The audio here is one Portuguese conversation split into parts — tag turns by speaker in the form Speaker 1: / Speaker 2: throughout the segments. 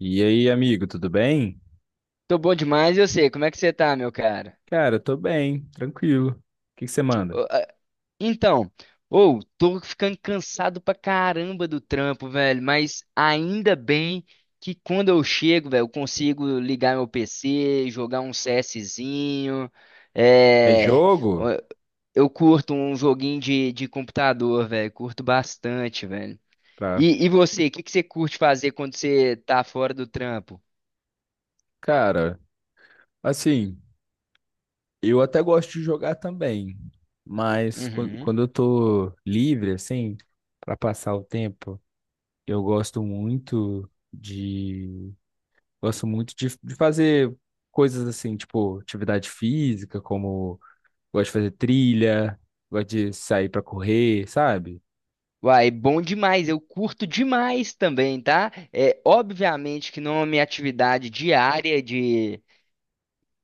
Speaker 1: E aí, amigo, tudo bem?
Speaker 2: Tô bom demais, eu sei. Como é que você tá, meu cara?
Speaker 1: Cara, eu tô bem, tranquilo. O que você manda?
Speaker 2: Ô, então, ou tô ficando cansado pra caramba do trampo, velho, mas ainda bem que quando eu chego, velho, eu consigo ligar meu PC, jogar um CSzinho,
Speaker 1: É
Speaker 2: é...
Speaker 1: jogo?
Speaker 2: ó, eu curto um joguinho de computador, velho, curto bastante, velho.
Speaker 1: Tá.
Speaker 2: E você, o que que você curte fazer quando você tá fora do trampo?
Speaker 1: Cara, assim, eu até gosto de jogar também, mas quando eu tô livre, assim, pra passar o tempo, eu gosto muito de, fazer coisas assim, tipo atividade física, como gosto de fazer trilha, gosto de sair pra correr, sabe?
Speaker 2: Uai, bom demais, eu curto demais também, tá? É, obviamente que não é minha atividade diária de.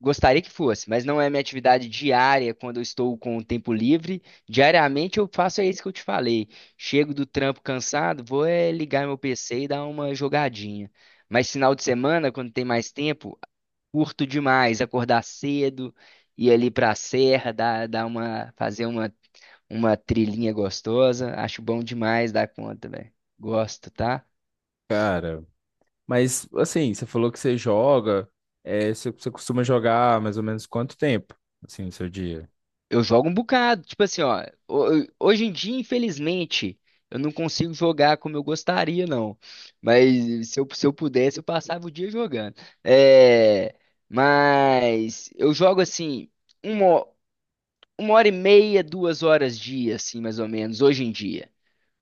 Speaker 2: Gostaria que fosse, mas não é minha atividade diária quando eu estou com o tempo livre. Diariamente eu faço é isso que eu te falei. Chego do trampo cansado, vou é ligar meu PC e dar uma jogadinha. Mas final de semana, quando tem mais tempo, curto demais acordar cedo, ir ali pra serra, fazer uma trilhinha gostosa. Acho bom demais dar conta, velho. Gosto, tá?
Speaker 1: Cara. Mas, assim, você falou que você joga, é, você costuma jogar mais ou menos quanto tempo, assim, no seu dia?
Speaker 2: Eu jogo um bocado. Tipo assim, ó. Hoje em dia, infelizmente, eu não consigo jogar como eu gostaria, não. Mas se eu pudesse, eu passava o dia jogando. É. Mas eu jogo assim. Uma, uma hora e meia, duas horas dia, assim, mais ou menos, hoje em dia.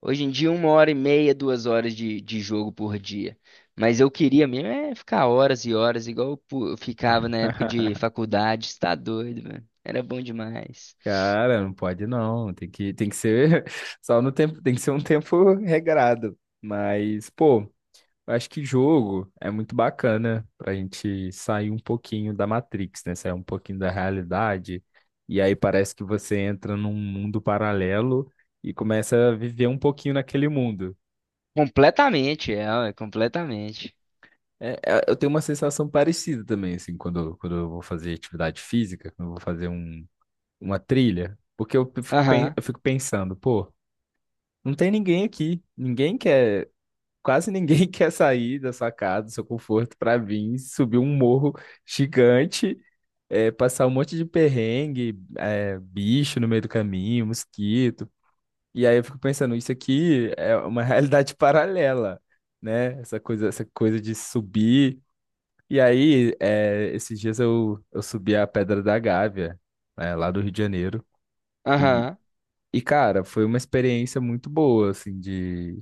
Speaker 2: Hoje em dia, uma hora e meia, duas horas de jogo por dia. Mas eu queria mesmo é ficar horas e horas, igual eu ficava na época de faculdade, você tá doido, mano. Era bom demais.
Speaker 1: Cara, não pode não, tem que ser só no tempo, tem que ser um tempo regrado. Mas, pô, eu acho que jogo é muito bacana pra gente sair um pouquinho da Matrix, né? Sair um pouquinho da realidade. E aí parece que você entra num mundo paralelo e começa a viver um pouquinho naquele mundo.
Speaker 2: Completamente, ué, completamente.
Speaker 1: Eu tenho uma sensação parecida também, assim, quando eu vou fazer atividade física, quando eu vou fazer um, uma trilha, porque
Speaker 2: Aham,
Speaker 1: eu fico pensando, pô, não tem ninguém aqui, ninguém quer, quase ninguém quer sair da sua casa, do seu conforto, pra vir subir um morro gigante, é, passar um monte de perrengue, é, bicho no meio do caminho, mosquito. E aí eu fico pensando, isso aqui é uma realidade paralela, né? Essa coisa de subir. E aí, é, esses dias eu subi a Pedra da Gávea, né, lá do Rio de Janeiro. E,
Speaker 2: aham.
Speaker 1: e, cara, foi uma experiência muito boa, assim,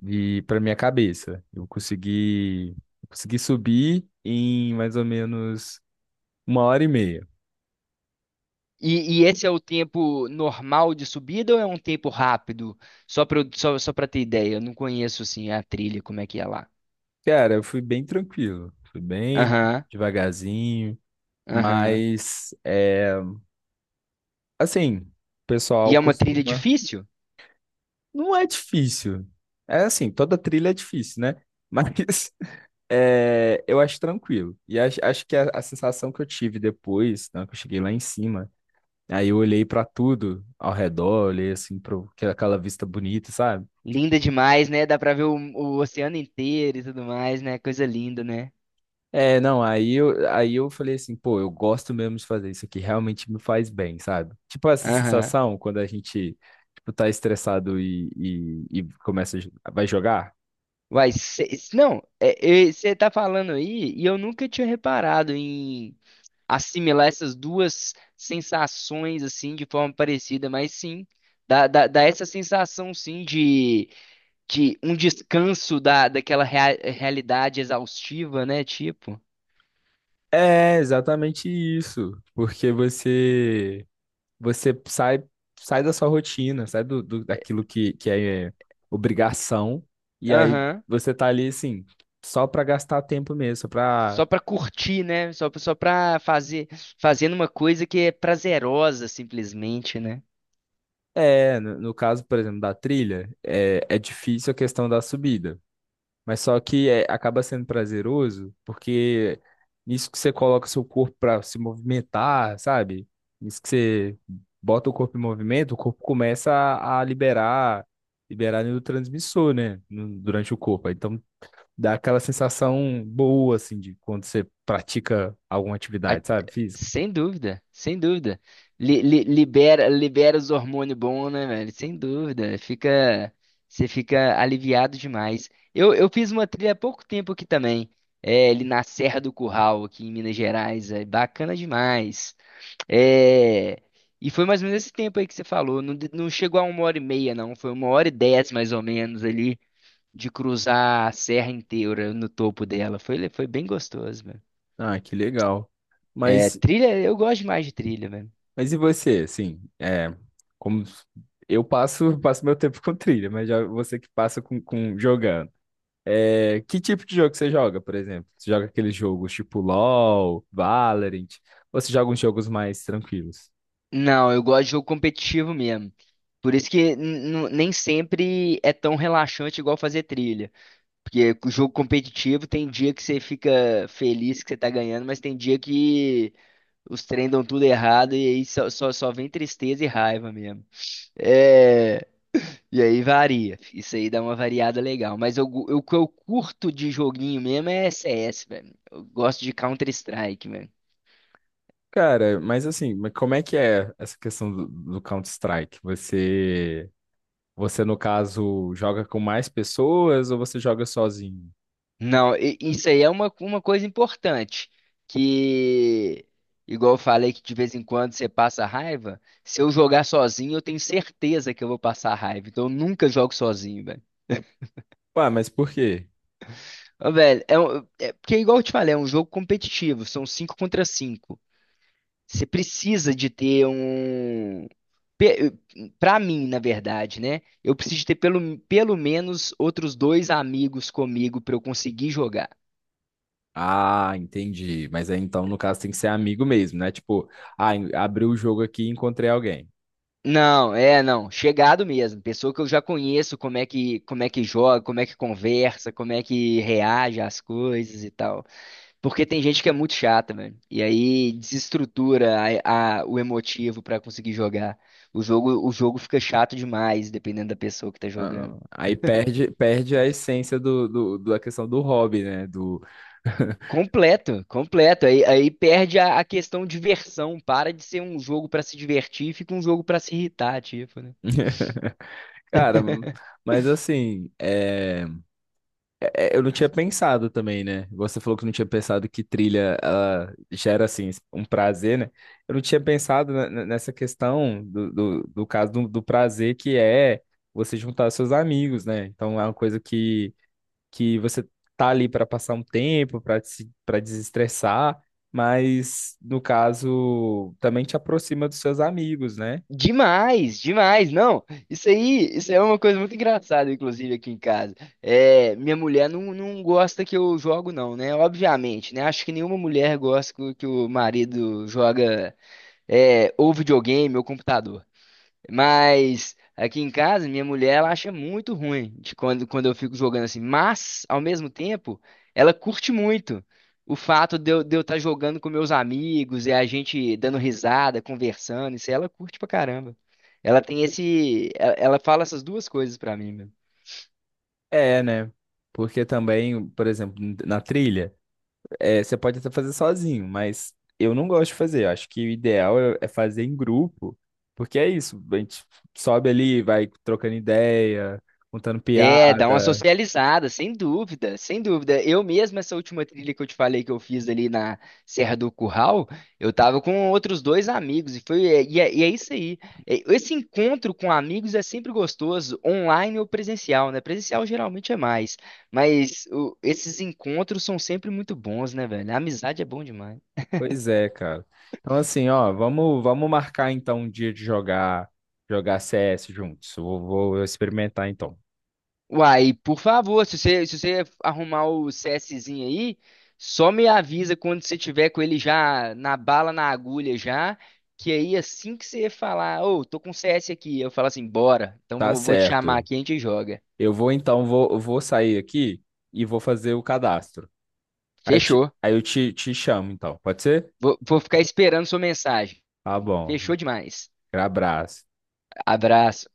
Speaker 1: de para minha cabeça. Eu consegui subir em mais ou menos uma hora e meia.
Speaker 2: E esse é o tempo normal de subida ou é um tempo rápido? Só pra ter ideia, eu não conheço, assim, a trilha, como é que é lá.
Speaker 1: Cara, eu fui bem tranquilo, fui bem
Speaker 2: Aham,
Speaker 1: devagarzinho,
Speaker 2: aham.
Speaker 1: mas, é, assim, o
Speaker 2: E
Speaker 1: pessoal
Speaker 2: é uma trilha
Speaker 1: costuma.
Speaker 2: difícil?
Speaker 1: Não é difícil. É assim, toda trilha é difícil, né? Mas. É, eu acho tranquilo. E acho que a sensação que eu tive depois, né, que eu cheguei lá em cima, aí eu olhei pra tudo ao redor, olhei assim para aquela vista bonita, sabe?
Speaker 2: Linda demais, né? Dá pra ver o oceano inteiro e tudo mais, né? Coisa linda, né?
Speaker 1: É, não, aí eu falei assim, pô, eu gosto mesmo de fazer isso aqui, realmente me faz bem, sabe? Tipo essa
Speaker 2: Aham.
Speaker 1: sensação quando a gente, tipo, tá estressado e começa, vai jogar.
Speaker 2: Uai, não, você tá falando aí e eu nunca tinha reparado em assimilar essas duas sensações assim de forma parecida, mas sim, dá essa sensação sim de um descanso daquela realidade exaustiva, né? Tipo.
Speaker 1: É exatamente isso, porque você sai, sai da sua rotina, sai do, daquilo que, é, obrigação, e aí
Speaker 2: Aham.
Speaker 1: você tá ali, assim, só pra gastar tempo mesmo, só pra...
Speaker 2: Só pra curtir, né? Só pra fazendo uma coisa que é prazerosa, simplesmente, né?
Speaker 1: É, no, no caso, por exemplo, da trilha, é, é difícil a questão da subida, mas só que é, acaba sendo prazeroso, porque nisso que você coloca seu corpo pra se movimentar, sabe? Nisso que você bota o corpo em movimento, o corpo começa a liberar neurotransmissor, né, durante o corpo. Então dá aquela sensação boa, assim, de quando você pratica alguma
Speaker 2: A-
Speaker 1: atividade, sabe, física.
Speaker 2: sem dúvida, sem dúvida. Libera os hormônios bons, né, velho? Sem dúvida. Você fica aliviado demais. Eu fiz uma trilha há pouco tempo aqui também. É, ali na Serra do Curral, aqui em Minas Gerais. É bacana demais. É, e foi mais ou menos esse tempo aí que você falou. Não, não chegou a uma hora e meia, não. Foi uma hora e dez, mais ou menos, ali. De cruzar a serra inteira no topo dela. Foi bem gostoso, mano.
Speaker 1: Ah, que legal.
Speaker 2: É,
Speaker 1: Mas,
Speaker 2: trilha, eu gosto demais de trilha, mano.
Speaker 1: mas e você, assim, é, como eu passo, passo meu tempo com trilha, mas já você que passa com jogando. É, que tipo de jogo que você joga, por exemplo? Você joga aqueles jogos tipo LoL, Valorant, ou você joga uns jogos mais tranquilos?
Speaker 2: Não, eu gosto de jogo competitivo mesmo. Por isso que nem sempre é tão relaxante igual fazer trilha. Porque o jogo competitivo tem dia que você fica feliz que você tá ganhando, mas tem dia que os trem dão tudo errado e aí só vem tristeza e raiva mesmo. É. E aí varia. Isso aí dá uma variada legal. Mas o que eu curto de joguinho mesmo é CS, velho. Eu gosto de Counter-Strike, velho.
Speaker 1: Cara, mas assim, mas como é que é essa questão do, do Counter-Strike? Você, no caso, joga com mais pessoas ou você joga sozinho?
Speaker 2: Não, isso aí é uma coisa importante. Que, igual eu falei, que de vez em quando você passa raiva. Se eu jogar sozinho, eu tenho certeza que eu vou passar raiva. Então eu nunca jogo sozinho, velho.
Speaker 1: Ué, mas por quê?
Speaker 2: Ô, velho, é, porque igual eu te falei, é um jogo competitivo. São 5 contra 5. Você precisa de ter um. pe- Pra mim, na verdade, né? Eu preciso de ter pelo menos outros dois amigos comigo pra eu conseguir jogar.
Speaker 1: Ah, entendi. Mas aí então, no caso, tem que ser amigo mesmo, né? Tipo, ah, abri o jogo aqui e encontrei alguém.
Speaker 2: Não, não. Chegado mesmo. Pessoa que eu já conheço, como é que joga, como é que conversa, como é que reage às coisas e tal. Porque tem gente que é muito chata, velho. E aí desestrutura o emotivo pra conseguir jogar. O jogo fica chato demais, dependendo da pessoa que tá jogando.
Speaker 1: Ah, perde a essência do, da questão do hobby, né? Do...
Speaker 2: Completo, completo. Aí perde a questão diversão. Para de ser um jogo pra se divertir, e fica um jogo pra se irritar, tipo, né?
Speaker 1: Cara, mas assim, é. Eu não tinha pensado também, né? Você falou que não tinha pensado que trilha ela gera, assim, um prazer, né? Eu não tinha pensado nessa questão do, do caso do, do prazer que é você juntar seus amigos, né? Então é uma coisa que você tá ali para passar um tempo, para se, para desestressar, mas no caso também te aproxima dos seus amigos, né?
Speaker 2: Demais, demais. Não, isso aí é uma coisa muito engraçada, inclusive, aqui em casa. É, minha mulher não gosta que eu jogo, não, né? Obviamente, né? Acho que nenhuma mulher gosta que o marido joga é, ou videogame ou computador. Mas aqui em casa, minha mulher, ela acha muito ruim de quando, eu fico jogando assim. Mas, ao mesmo tempo, ela curte muito o fato de eu estar jogando com meus amigos e a gente dando risada, conversando. Isso aí ela curte pra caramba. Ela tem esse. Ela fala essas duas coisas pra mim, meu.
Speaker 1: É, né? Porque também, por exemplo, na trilha. É, você pode até fazer sozinho, mas eu não gosto de fazer. Eu acho que o ideal é fazer em grupo, porque é isso. A gente sobe ali, vai trocando ideia, contando
Speaker 2: É, dá uma
Speaker 1: piada.
Speaker 2: socializada, sem dúvida, sem dúvida. Eu mesmo, essa última trilha que eu te falei que eu fiz ali na Serra do Curral, eu tava com outros dois amigos, e é isso aí. É, esse encontro com amigos é sempre gostoso, online ou presencial, né? Presencial geralmente é mais, mas esses encontros são sempre muito bons, né, velho? A amizade é bom demais.
Speaker 1: Pois é, cara. Então, assim, ó, vamos marcar então um dia de jogar, jogar CS juntos. Eu vou experimentar então.
Speaker 2: Uai, por favor, se você arrumar o CSzinho aí, só me avisa quando você tiver com ele já na bala, na agulha já, que aí assim que você falar, ô, tô com CS aqui, eu falo assim, bora, então
Speaker 1: Tá
Speaker 2: vou te chamar
Speaker 1: certo.
Speaker 2: aqui e a gente joga.
Speaker 1: Eu vou então, eu vou sair aqui e vou fazer o cadastro.
Speaker 2: Fechou.
Speaker 1: Te chamo então, pode ser?
Speaker 2: Vou ficar esperando sua mensagem.
Speaker 1: Tá bom.
Speaker 2: Fechou demais.
Speaker 1: Abraço.
Speaker 2: Abraço.